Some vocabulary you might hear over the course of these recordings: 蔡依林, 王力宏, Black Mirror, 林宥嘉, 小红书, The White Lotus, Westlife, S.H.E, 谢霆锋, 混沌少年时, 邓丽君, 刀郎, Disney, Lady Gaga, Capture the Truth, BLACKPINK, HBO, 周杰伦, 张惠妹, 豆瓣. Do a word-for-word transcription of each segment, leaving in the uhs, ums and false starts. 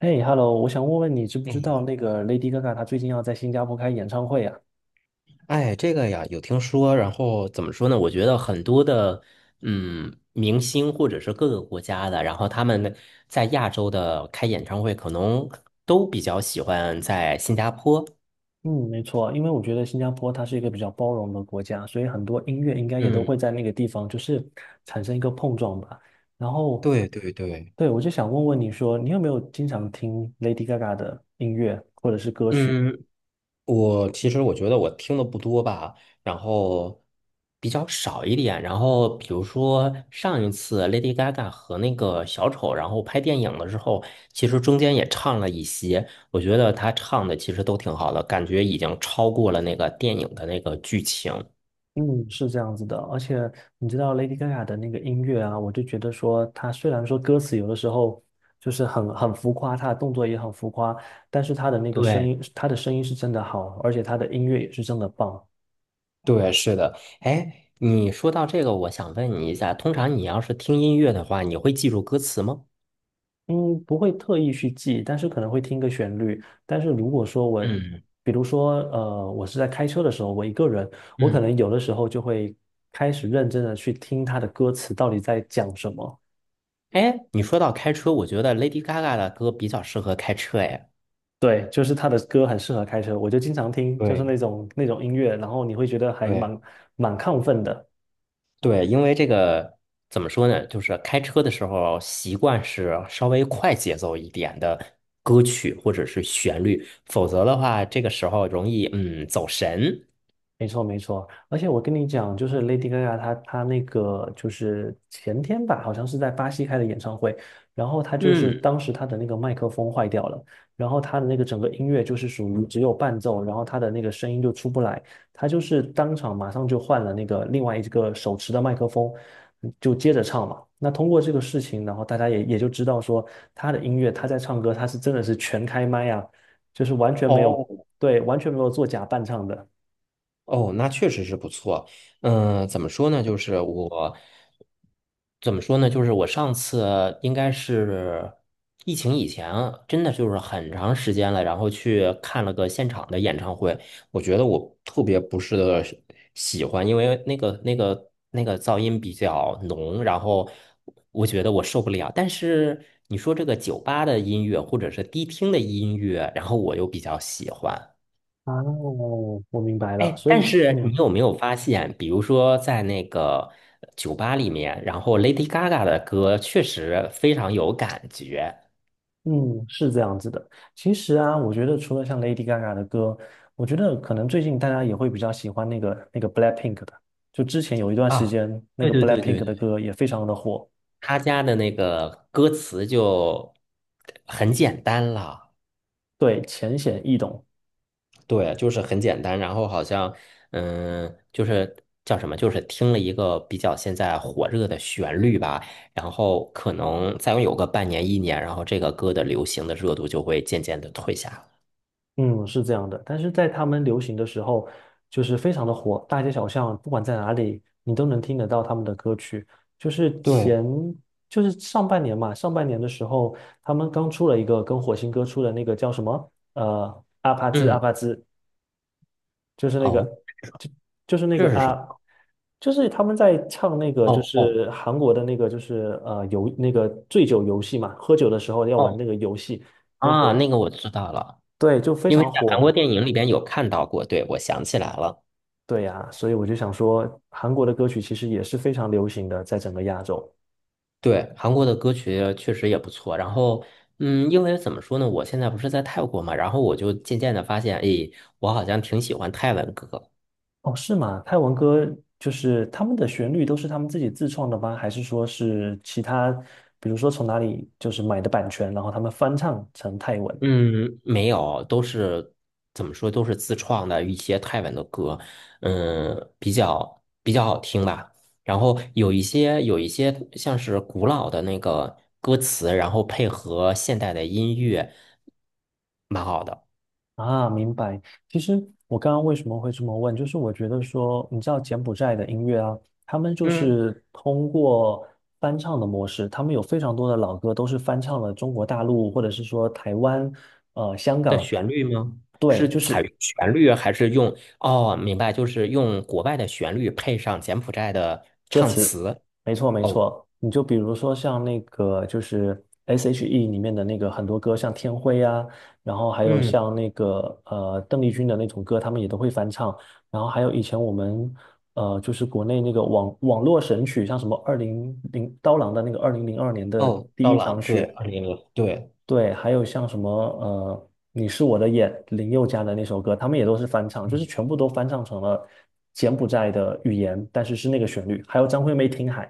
嘿，Hello，我想问问你，知不知道哎，那个 Lady Gaga 她最近要在新加坡开演唱会啊？哎，这个呀，有听说。然后怎么说呢？我觉得很多的，嗯，明星或者是各个国家的，然后他们在亚洲的开演唱会，可能都比较喜欢在新加坡。嗯，没错，因为我觉得新加坡它是一个比较包容的国家，所以很多音乐应该也都嗯，会在那个地方就是产生一个碰撞吧。然后，对对对。对，我就想问问你说，你有没有经常听 Lady Gaga 的音乐或者是歌曲？嗯。我其实我觉得我听的不多吧，然后比较少一点。然后比如说上一次 Lady Gaga 和那个小丑，然后拍电影的时候，其实中间也唱了一些，我觉得他唱的其实都挺好的，感觉已经超过了那个电影的那个剧情。嗯，是这样子的。而且你知道 Lady Gaga 的那个音乐啊，我就觉得说，她虽然说歌词有的时候就是很很浮夸，她的动作也很浮夸，但是她的那个声对，音，她的声音是真的好，而且她的音乐也是真的棒。对，是的。哎，你说到这个，我想问你一下，通常你要是听音乐的话，你会记住歌词吗？嗯，不会特意去记，但是可能会听个旋律。但是如果说我，嗯比如说呃，我是在开车的时候，我一个人，我可嗯。能有的时候就会开始认真的去听她的歌词到底在讲什么。哎，你说到开车，我觉得 Lady Gaga 的歌比较适合开车。哎，对，就是他的歌很适合开车，我就经常听，就是对那种那种音乐，然后你会觉得还对，蛮蛮亢奋的。对，因为这个怎么说呢，就是开车的时候习惯是稍微快节奏一点的歌曲或者是旋律。否则的话，这个时候容易嗯走神。没错，没错，而且我跟你讲，就是 Lady Gaga 她她那个就是前天吧，好像是在巴西开的演唱会，然后她就是嗯，当时她的那个麦克风坏掉了，然后她的那个整个音乐就是属于只有伴奏，然后她的那个声音就出不来，她就是当场马上就换了那个另外一个手持的麦克风，就接着唱嘛。那通过这个事情，然后大家也也就知道说她的音乐，她在唱歌，她是真的是全开麦啊，就是完全没有，哦，对，完全没有做假伴唱的。哦，那确实是不错。嗯、怎么说呢？就是我怎么说呢？就是我上次应该是疫情以前，真的就是很长时间了，然后去看了个现场的演唱会。我觉得我特别不是的喜欢，因为那个那个那个噪音比较浓，然后我觉得我受不了。但是你说这个酒吧的音乐或者是迪厅的音乐，然后我又比较喜欢。啊，我明白了，哎，所但以，是你嗯有没有发现，比如说在那个酒吧里面，然后 Lady Gaga 的歌确实非常有感觉。嗯，是这样子的。其实啊，我觉得除了像 Lady Gaga 的歌，我觉得可能最近大家也会比较喜欢那个那个 BLACKPINK 的。就之前有一段时啊，间，那对个 对对 BLACKPINK 对的对，歌也非常的火。他家的那个歌词就很简单了。对，浅显易懂。对，就是很简单。然后好像，嗯，就是叫什么，就是听了一个比较现在火热的旋律吧。然后可能再有个半年一年，然后这个歌的流行的热度就会渐渐的退下了。嗯，是这样的，但是在他们流行的时候，就是非常的火，大街小巷，不管在哪里，你都能听得到他们的歌曲。就是对，前，就是上半年嘛，上半年的时候，他们刚出了一个跟火星哥出的那个叫什么？呃，阿帕兹阿嗯。帕兹，就是那哦，个，就就是那个这是什么？啊，就是他们在唱那个，就哦哦是韩国的那个，就是呃游那个醉酒游戏嘛，喝酒的时候要玩那哦个游戏。啊，那个我知道了。对，就非因为常在韩国火。电影里边有看到过。对，我想起来了。对呀，所以我就想说，韩国的歌曲其实也是非常流行的，在整个亚洲。对，韩国的歌曲确实也不错。然后，嗯，因为怎么说呢，我现在不是在泰国嘛，然后我就渐渐的发现，诶，我好像挺喜欢泰文歌。哦，是吗？泰文歌就是他们的旋律都是他们自己自创的吗？还是说是其他，比如说从哪里就是买的版权，然后他们翻唱成泰文？嗯，没有，都是怎么说，都是自创的一些泰文的歌。嗯，比较比较好听吧。然后有一些有一些像是古老的那个歌词，然后配合现代的音乐，蛮好的。啊，明白。其实我刚刚为什么会这么问，就是我觉得说，你知道柬埔寨的音乐啊，他们就嗯，是通过翻唱的模式，他们有非常多的老歌都是翻唱了中国大陆或者是说台湾、呃香的港。旋律吗？对，是就采是用旋律还是用？哦，明白，就是用国外的旋律配上柬埔寨的歌唱词，词。没错没哦，错，你就比如说像那个就是 S H E 里面的那个很多歌，像《天灰》啊，然后还有嗯，像那个呃邓丽君的那种歌，他们也都会翻唱，然后还有以前我们呃就是国内那个网网络神曲，像什么二零零刀郎的那个二零零二年的哦，第刀一场郎，对，雪。二零零，对。对，还有像什么呃，你是我的眼，林宥嘉的那首歌，他们也都是翻唱，就是全部都翻唱成了柬埔寨的语言，但是是那个旋律。还有张惠妹《听海》，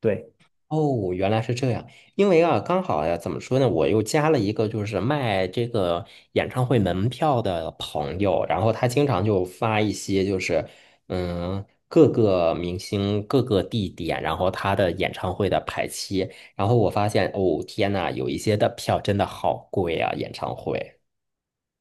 对。哦，原来是这样。因为啊，刚好呀，怎么说呢，我又加了一个就是卖这个演唱会门票的朋友，然后他经常就发一些就是嗯各个明星各个地点，然后他的演唱会的排期。然后我发现哦天呐，有一些的票真的好贵啊，演唱会。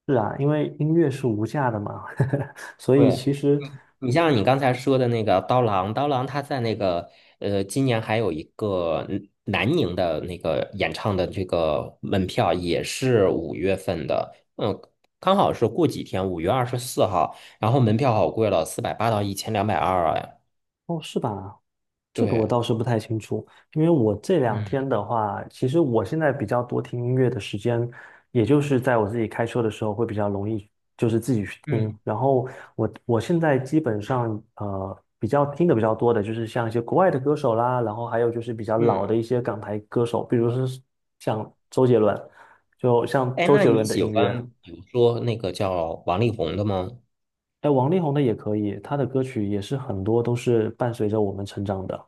是啊，因为音乐是无价的嘛，所以其对，实。你像你刚才说的那个刀郎，刀郎他在那个呃，今年还有一个嗯南宁的那个演唱的这个门票也是五月份的。嗯，刚好是过几天，五月二十四号，然后门票好贵了，四百八到一千两百二。哎，哦，是吧？这个我对，倒是不太清楚，因为我这两天嗯的话，其实我现在比较多听音乐的时间，也就是在我自己开车的时候会比较容易，就是自己去听。嗯，然后我我现在基本上呃比较听的比较多的就是像一些国外的歌手啦，然后还有就是比较老嗯，的一些港台歌手，比如是像周杰伦，就像哎，周那杰你伦的喜音乐。欢比如说那个叫王力宏的吗？哎，王力宏的也可以，他的歌曲也是很多都是伴随着我们成长的。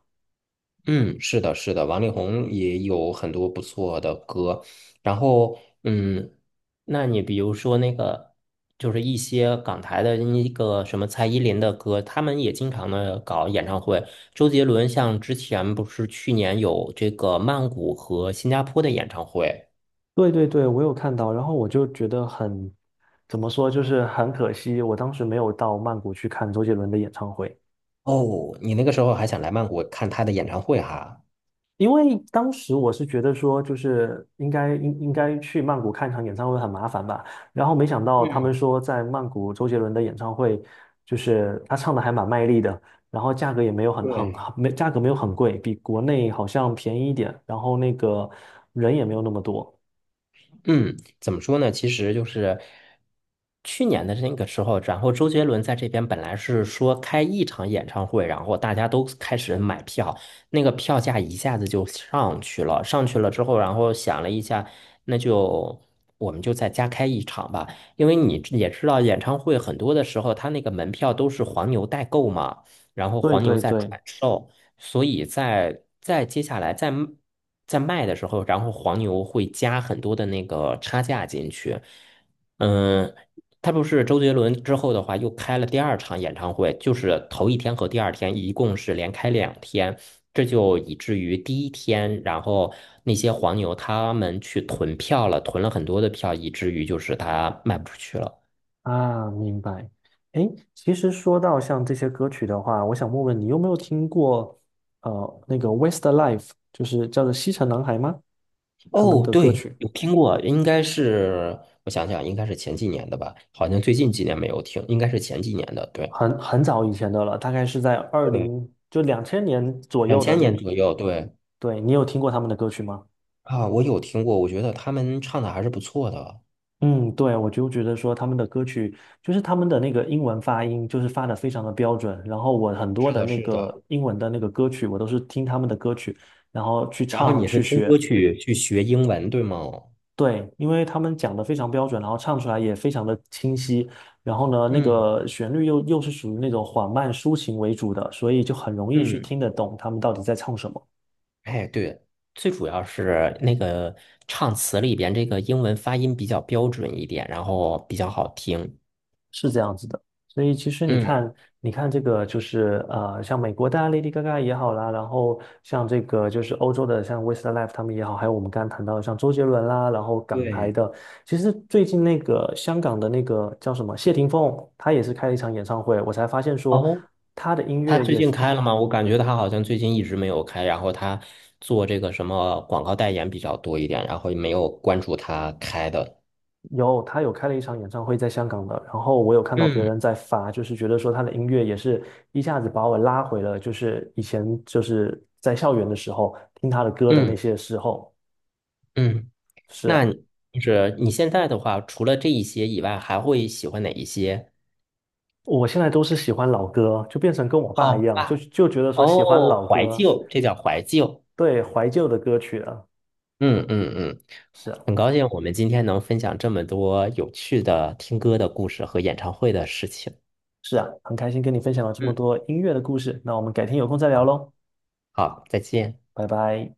嗯，是的，是的，王力宏也有很多不错的歌。然后，嗯，那你比如说那个，就是一些港台的那个什么蔡依林的歌，他们也经常的搞演唱会。周杰伦像之前不是去年有这个曼谷和新加坡的演唱会。对对对，我有看到，然后我就觉得很，怎么说，就是很可惜，我当时没有到曼谷去看周杰伦的演唱会，哦，你那个时候还想来曼谷看他的演唱会哈？因为当时我是觉得说，就是应该应应该去曼谷看场演唱会很麻烦吧，然后没想到他嗯，们说在曼谷周杰伦的演唱会，就是他唱的还蛮卖力的，然后价格也没有很很对。没价格没有很贵，比国内好像便宜一点，然后那个人也没有那么多。嗯，怎么说呢？其实就是去年的那个时候，然后周杰伦在这边本来是说开一场演唱会，然后大家都开始买票，那个票价一下子就上去了。上去了之后，然后想了一下，那就我们就再加开一场吧，因为你也知道，演唱会很多的时候，他那个门票都是黄牛代购嘛，然后对黄牛对在对，转售。所以在在接下来在卖在卖的时候，然后黄牛会加很多的那个差价进去。嗯，他不是周杰伦之后的话又开了第二场演唱会，就是头一天和第二天一共是连开两天。这就以至于第一天，然后那些黄牛他们去囤票了，囤了很多的票，以至于就是他卖不出去了。啊，明白。诶，其实说到像这些歌曲的话，我想问问你有没有听过呃那个 Westlife，就是叫做西城男孩吗？他们哦，的歌对，曲有听过，应该是我想想，应该是前几年的吧，好像最近几年没有听，应该是前几年的。对很很早以前的了，大概是在二对，零就两千年左两右的千那年个。左右，对。对，你有听过他们的歌曲吗？啊，我有听过，我觉得他们唱的还是不错的。嗯，对，我就觉得说他们的歌曲，就是他们的那个英文发音，就是发的非常的标准。然后我很多是的的，那是的。个英文的那个歌曲，我都是听他们的歌曲，然后去然后唱你是去听学。歌去去学英文，对吗？对，因为他们讲的非常标准，然后唱出来也非常的清晰，然后呢，那嗯个旋律又又是属于那种缓慢抒情为主的，所以就很容易去嗯，听得懂他们到底在唱什么。哎，对，最主要是那个唱词里边这个英文发音比较标准一点，然后比较好听。是这样子的，所以其实你嗯，看，你看这个就是呃，像美国的啊 Lady Gaga 也好啦，然后像这个就是欧洲的像 Westlife 他们也好，还有我们刚刚谈到的像周杰伦啦，然后港台对。的，其实最近那个香港的那个叫什么谢霆锋，他也是开了一场演唱会，我才发现说哦，他的音他乐最也近是开了吗？我感觉他好像最近一直没有开，然后他做这个什么广告代言比较多一点，然后也没有关注他开的。有，他有开了一场演唱会在香港的，然后我有看到别嗯人在发，就是觉得说他的音乐也是一下子把我拉回了，就是以前就是在校园的时候听他的歌的那嗯些时候。嗯，是那啊，你就是你现在的话，除了这一些以外，还会喜欢哪一些？我现在都是喜欢老歌，就变成跟我爸好一样，就吧，就觉得说喜欢哦，老怀歌，旧，这叫怀旧。对，怀旧的歌曲了。嗯嗯嗯，是啊，很高兴我们今天能分享这么多有趣的听歌的故事和演唱会的事情。是啊，很开心跟你分享了这么嗯，多音乐的故事，那我们改天有空再聊好，喽，好，再见。拜拜。